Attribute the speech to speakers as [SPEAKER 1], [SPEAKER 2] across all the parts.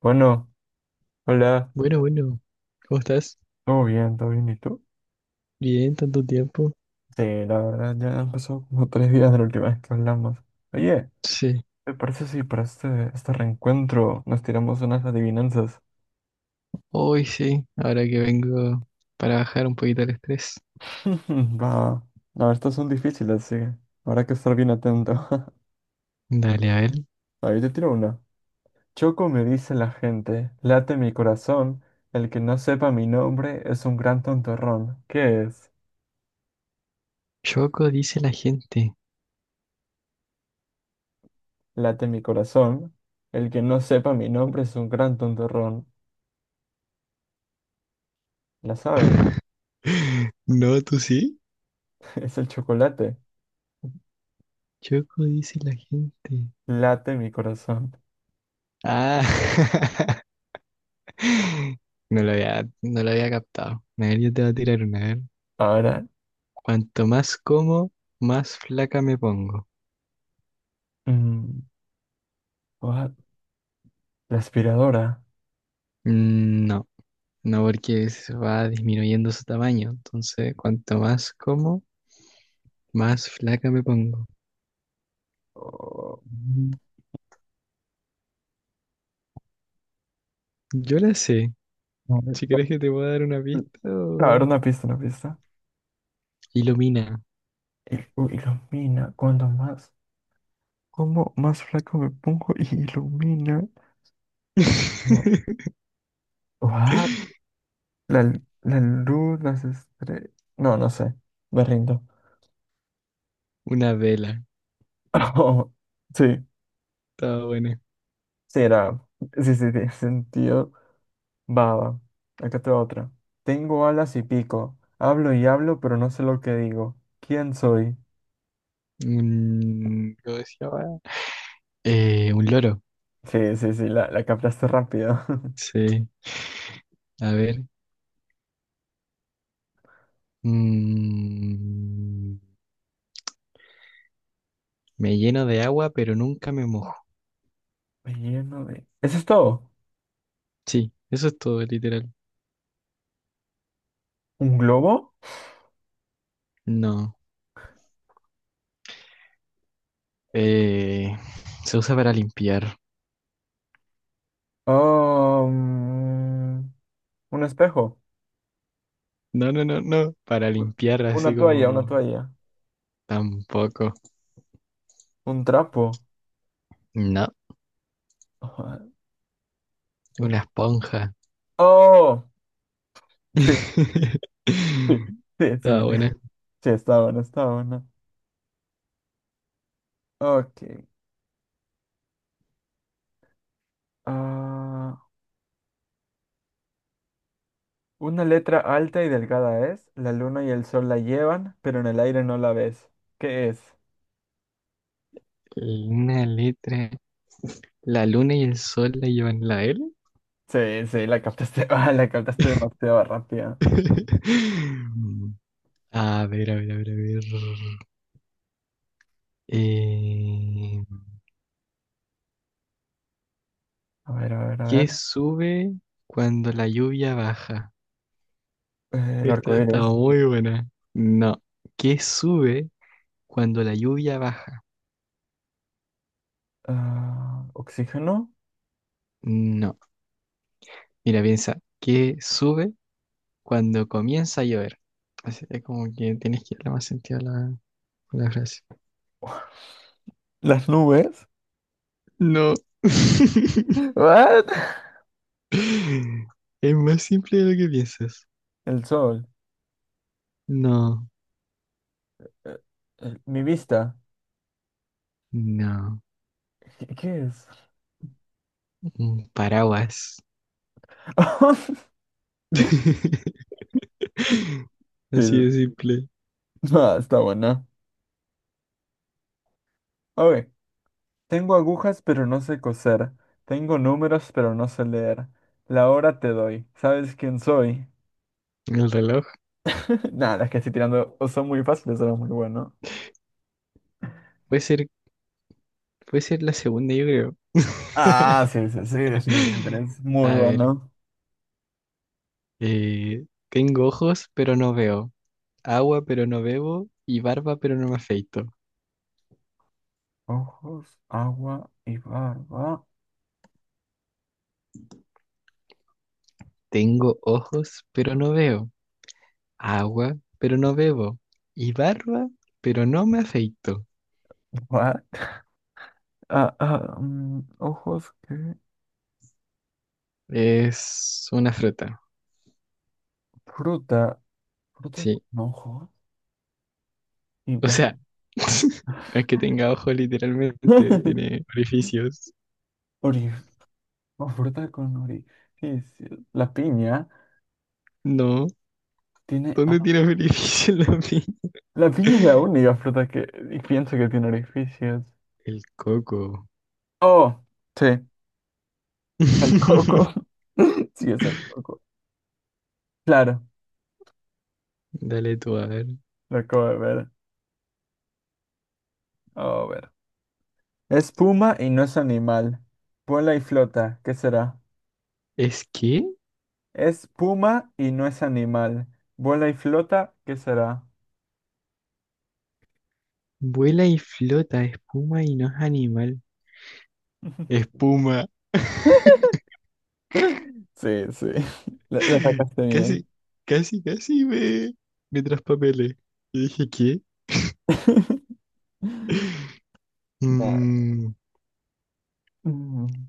[SPEAKER 1] Bueno, hola,
[SPEAKER 2] Bueno, bueno, ¿cómo estás?
[SPEAKER 1] todo bien, ¿y tú?
[SPEAKER 2] Bien, tanto tiempo.
[SPEAKER 1] Sí, la verdad ya han pasado como tres días de la última vez que hablamos. Oye,
[SPEAKER 2] Sí,
[SPEAKER 1] ¿te parece si para este reencuentro nos tiramos unas adivinanzas?
[SPEAKER 2] hoy sí, ahora que vengo para bajar un poquito el estrés.
[SPEAKER 1] Va, no, estas son difíciles, sí, habrá que estar bien atento.
[SPEAKER 2] Dale, a ver.
[SPEAKER 1] Ahí te tiro una. Choco me dice la gente, late mi corazón, el que no sepa mi nombre es un gran tontorrón. ¿Qué es?
[SPEAKER 2] Choco dice la gente.
[SPEAKER 1] Late mi corazón, el que no sepa mi nombre es un gran tontorrón. ¿La sabes?
[SPEAKER 2] No, ¿tú sí?
[SPEAKER 1] Es el chocolate.
[SPEAKER 2] Choco dice la gente.
[SPEAKER 1] Late mi corazón.
[SPEAKER 2] Ah, no lo había, no lo había captado. A ver, yo te voy a tirar una, a ver.
[SPEAKER 1] Ahora,
[SPEAKER 2] Cuanto más como, más flaca me pongo.
[SPEAKER 1] mm, what? La aspiradora.
[SPEAKER 2] Mm, no, no porque se va disminuyendo su tamaño. Entonces, cuanto más como, más flaca me pongo.
[SPEAKER 1] Oh, mm,
[SPEAKER 2] Yo la sé.
[SPEAKER 1] a ver,
[SPEAKER 2] Si
[SPEAKER 1] no,
[SPEAKER 2] quieres que te pueda dar una
[SPEAKER 1] mm,
[SPEAKER 2] pista
[SPEAKER 1] a ver,
[SPEAKER 2] o-
[SPEAKER 1] una pista, una pista.
[SPEAKER 2] ilumina.
[SPEAKER 1] Ilumina. Cuando más, como más flaco me pongo y ilumina. No, what? La luz, las estrellas. No, no sé. Me rindo.
[SPEAKER 2] Una vela.
[SPEAKER 1] Sí,
[SPEAKER 2] Estaba buena.
[SPEAKER 1] sí era. Sí, sí, tiene sentido. Baba, acá te va otra. Tengo alas y pico. Hablo y hablo, pero no sé lo que digo. ¿Quién soy?
[SPEAKER 2] ¿Cómo se llama? Un loro.
[SPEAKER 1] Sí, sí, sí, la captaste rápido.
[SPEAKER 2] Sí. A ver. Mm, Me lleno de agua, pero nunca me mojo.
[SPEAKER 1] Me lleno de... ¿Eso es todo?
[SPEAKER 2] Sí, eso es todo, literal.
[SPEAKER 1] ¿Un globo?
[SPEAKER 2] No. Eh, Se usa para limpiar.
[SPEAKER 1] Oh, mm, un espejo.
[SPEAKER 2] No, no, no, no. Para
[SPEAKER 1] U-
[SPEAKER 2] limpiar así
[SPEAKER 1] Una toalla, una
[SPEAKER 2] como...
[SPEAKER 1] toalla.
[SPEAKER 2] Tampoco.
[SPEAKER 1] Un trapo.
[SPEAKER 2] No.
[SPEAKER 1] Ah,
[SPEAKER 2] Una
[SPEAKER 1] espera.
[SPEAKER 2] esponja.
[SPEAKER 1] Oh, sí, sí, sí, sí, sí.
[SPEAKER 2] Estaba buena.
[SPEAKER 1] Sí, está bueno, está bueno. Ok. Ah, una letra alta y delgada es, la luna y el sol la llevan, pero en el aire no la ves. ¿Qué es?
[SPEAKER 2] Una letra. La luna y el sol la llevan, la L.
[SPEAKER 1] Sí, sí, la captaste, ah, la captaste demasiado rápida.
[SPEAKER 2] A ver, a ver, a ver, a ver. Eh,
[SPEAKER 1] A ver, a ver, a
[SPEAKER 2] ¿Qué
[SPEAKER 1] ver.
[SPEAKER 2] sube cuando la lluvia baja?
[SPEAKER 1] El
[SPEAKER 2] Esta
[SPEAKER 1] arco
[SPEAKER 2] estaba
[SPEAKER 1] iris.
[SPEAKER 2] muy buena. No. ¿Qué sube cuando la lluvia baja?
[SPEAKER 1] Ah, ¿oxígeno?
[SPEAKER 2] No. Mira, piensa. ¿Qué sube cuando comienza a llover? Así que como que tienes que darle más sentido a la frase.
[SPEAKER 1] ¿Las nubes?
[SPEAKER 2] No.
[SPEAKER 1] What?
[SPEAKER 2] Es más simple de lo que piensas.
[SPEAKER 1] El sol.
[SPEAKER 2] No,
[SPEAKER 1] Eh, mi vista.
[SPEAKER 2] no.
[SPEAKER 1] ¿Qué, qué es?
[SPEAKER 2] Un paraguas.
[SPEAKER 1] Sí,
[SPEAKER 2] Así de simple.
[SPEAKER 1] ah, está buena. Ok, tengo agujas, pero no sé coser. Tengo números, pero no sé leer. La hora te doy. ¿Sabes quién soy?
[SPEAKER 2] El reloj.
[SPEAKER 1] Nada, es que estoy tirando. O son muy fáciles, son muy bueno.
[SPEAKER 2] Puede ser, puede ser la segunda, yo creo.
[SPEAKER 1] Ah, sí, sí, sí, definitivamente es muy
[SPEAKER 2] A ver.
[SPEAKER 1] bueno.
[SPEAKER 2] Tengo ojos, pero no veo. Agua, pero no bebo. Y barba, pero no me afeito.
[SPEAKER 1] Ojos, agua y barba.
[SPEAKER 2] Tengo ojos, pero no veo. Agua, pero no bebo. Y barba, pero no me afeito.
[SPEAKER 1] What? Ah, ah, mm, ojos, ¿qué?
[SPEAKER 2] Es una fruta,
[SPEAKER 1] Fruta. Fruta
[SPEAKER 2] sí.
[SPEAKER 1] con ojos y
[SPEAKER 2] O sea,
[SPEAKER 1] barba.
[SPEAKER 2] no es que tenga ojos literalmente, tiene orificios.
[SPEAKER 1] Ori- o fruta con orificio. La piña
[SPEAKER 2] No,
[SPEAKER 1] tiene.
[SPEAKER 2] ¿dónde tiene orificios la pi?
[SPEAKER 1] La piña es la única fruta que y pienso que tiene orificios.
[SPEAKER 2] El coco.
[SPEAKER 1] Oh, sí, el coco. Sí, es el coco. Claro,
[SPEAKER 2] Dale tú a ver.
[SPEAKER 1] lo acabo de ver. Oh, a ver. Es puma y no es animal. Vuela y flota, ¿qué será?
[SPEAKER 2] ¿Es que?
[SPEAKER 1] Es puma y no es animal. Vuela y flota, ¿qué será?
[SPEAKER 2] Vuela y flota, espuma y no es animal. Espuma.
[SPEAKER 1] Sí, sí. La sacaste bien.
[SPEAKER 2] Casi, casi, me traspapelé. Y dije, ¿qué?
[SPEAKER 1] Nah.
[SPEAKER 2] Mm,
[SPEAKER 1] Mm,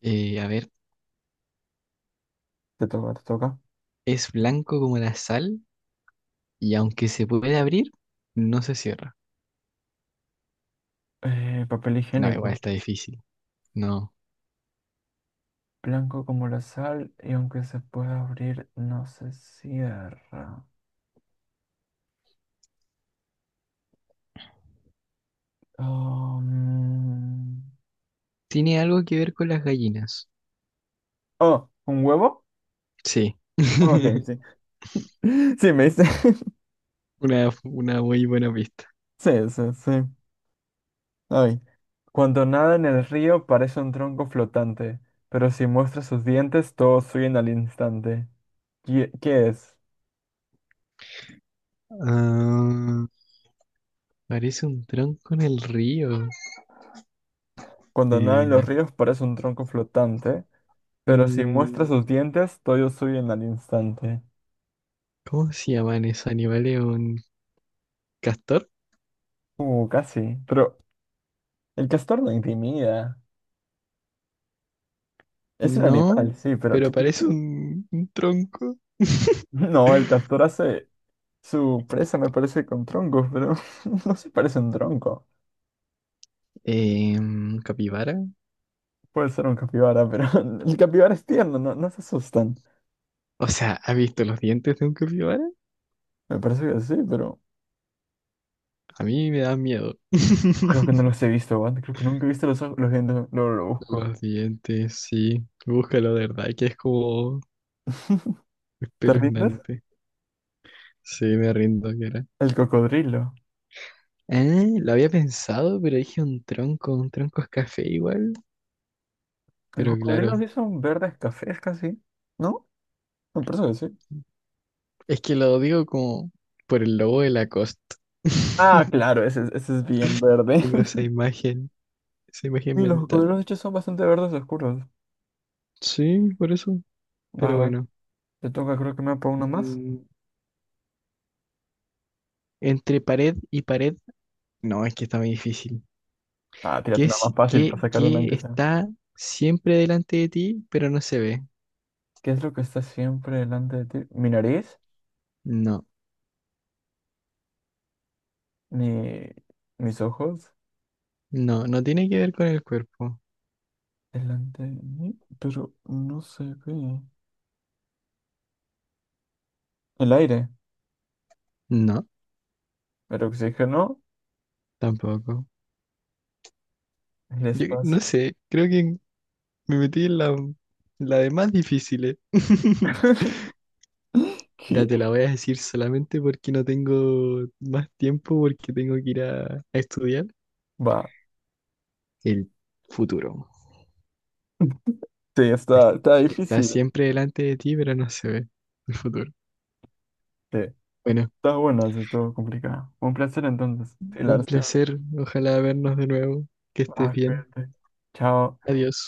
[SPEAKER 2] a ver,
[SPEAKER 1] te toca, te toca.
[SPEAKER 2] es blanco como la sal. Y aunque se puede abrir, no se cierra.
[SPEAKER 1] Papel
[SPEAKER 2] No, igual
[SPEAKER 1] higiénico.
[SPEAKER 2] está difícil. No.
[SPEAKER 1] Blanco como la sal y aunque se pueda abrir, no se cierra. Oh, mm.
[SPEAKER 2] Tiene algo que ver con las gallinas.
[SPEAKER 1] Oh, ¿un huevo?
[SPEAKER 2] Sí.
[SPEAKER 1] Oh, ok, sí. Sí, me dice.
[SPEAKER 2] Una muy buena pista.
[SPEAKER 1] Sí, sí, sí. Ay. Cuando nada en el río parece un tronco flotante, pero si muestra sus dientes todos huyen al instante. ¿Qué, qué es?
[SPEAKER 2] Ah, parece un tronco en el río.
[SPEAKER 1] Cuando nada en los
[SPEAKER 2] Eh,
[SPEAKER 1] ríos parece un tronco flotante, pero si muestra sus
[SPEAKER 2] un-
[SPEAKER 1] dientes todos huyen al instante.
[SPEAKER 2] ¿Cómo se llaman esos animales? ¿Un castor?
[SPEAKER 1] Casi. Pero el castor no intimida. Es un
[SPEAKER 2] No,
[SPEAKER 1] animal, sí, pero
[SPEAKER 2] pero
[SPEAKER 1] tiene...
[SPEAKER 2] parece un tronco.
[SPEAKER 1] No, el castor hace su presa, me parece, con troncos, pero no se parece a un tronco.
[SPEAKER 2] ¿Un capibara?
[SPEAKER 1] Puede ser un capibara, pero el capibara es tierno, no, no se asustan.
[SPEAKER 2] O sea, ¿has visto los dientes de un capibara?
[SPEAKER 1] Me parece que sí, pero
[SPEAKER 2] A mí me da miedo.
[SPEAKER 1] creo que no los he visto, Juan. Creo que nunca he visto los ojos, los dientes, luego lo busco.
[SPEAKER 2] Los dientes, sí. Búscalo, de verdad, que es como
[SPEAKER 1] ¿Te rindes?
[SPEAKER 2] espeluznante. Sí, me rindo, que era.
[SPEAKER 1] El cocodrilo.
[SPEAKER 2] Ah, lo había pensado, pero dije un tronco. Un tronco es café igual.
[SPEAKER 1] Los
[SPEAKER 2] Pero claro,
[SPEAKER 1] cocodrilos sí son verdes cafés casi, ¿no? Me parece que sí.
[SPEAKER 2] es que lo digo como por el logo de Lacoste.
[SPEAKER 1] Ah, claro, ese, ese es bien verde.
[SPEAKER 2] Tengo esa imagen
[SPEAKER 1] Y los
[SPEAKER 2] mental.
[SPEAKER 1] cocodrilos de hecho son bastante verdes oscuros.
[SPEAKER 2] Sí, por eso.
[SPEAKER 1] Va,
[SPEAKER 2] Pero
[SPEAKER 1] va,
[SPEAKER 2] bueno.
[SPEAKER 1] te toca, creo que me apago uno más.
[SPEAKER 2] Mm, entre pared y pared. No, es que está muy difícil.
[SPEAKER 1] Ah, tírate una más fácil para sacar una
[SPEAKER 2] ¿Qué
[SPEAKER 1] aunque sea.
[SPEAKER 2] está siempre delante de ti, pero no se ve?
[SPEAKER 1] ¿Qué es lo que está siempre delante de ti? Mi nariz,
[SPEAKER 2] No.
[SPEAKER 1] ni mis ojos,
[SPEAKER 2] No, no tiene que ver con el cuerpo.
[SPEAKER 1] delante de mí, pero no se ve. El aire,
[SPEAKER 2] No,
[SPEAKER 1] el oxígeno,
[SPEAKER 2] tampoco.
[SPEAKER 1] el
[SPEAKER 2] Yo no
[SPEAKER 1] espacio.
[SPEAKER 2] sé, creo que me metí en la de más difíciles. Mira,
[SPEAKER 1] ¿Qué?
[SPEAKER 2] te la voy a decir solamente porque no tengo más tiempo, porque tengo que ir a estudiar.
[SPEAKER 1] Va.
[SPEAKER 2] El futuro.
[SPEAKER 1] Sí,
[SPEAKER 2] Es-
[SPEAKER 1] está, está
[SPEAKER 2] Está
[SPEAKER 1] difícil.
[SPEAKER 2] siempre delante de ti, pero no se ve el futuro.
[SPEAKER 1] Sí.
[SPEAKER 2] Bueno,
[SPEAKER 1] Está buena, sí, estuvo complicada. Un placer entonces. Sí, la verdad
[SPEAKER 2] un placer.
[SPEAKER 1] estuvo-
[SPEAKER 2] Ojalá vernos de nuevo. Que estés
[SPEAKER 1] Ah,
[SPEAKER 2] bien.
[SPEAKER 1] cuídate. Chao.
[SPEAKER 2] Adiós.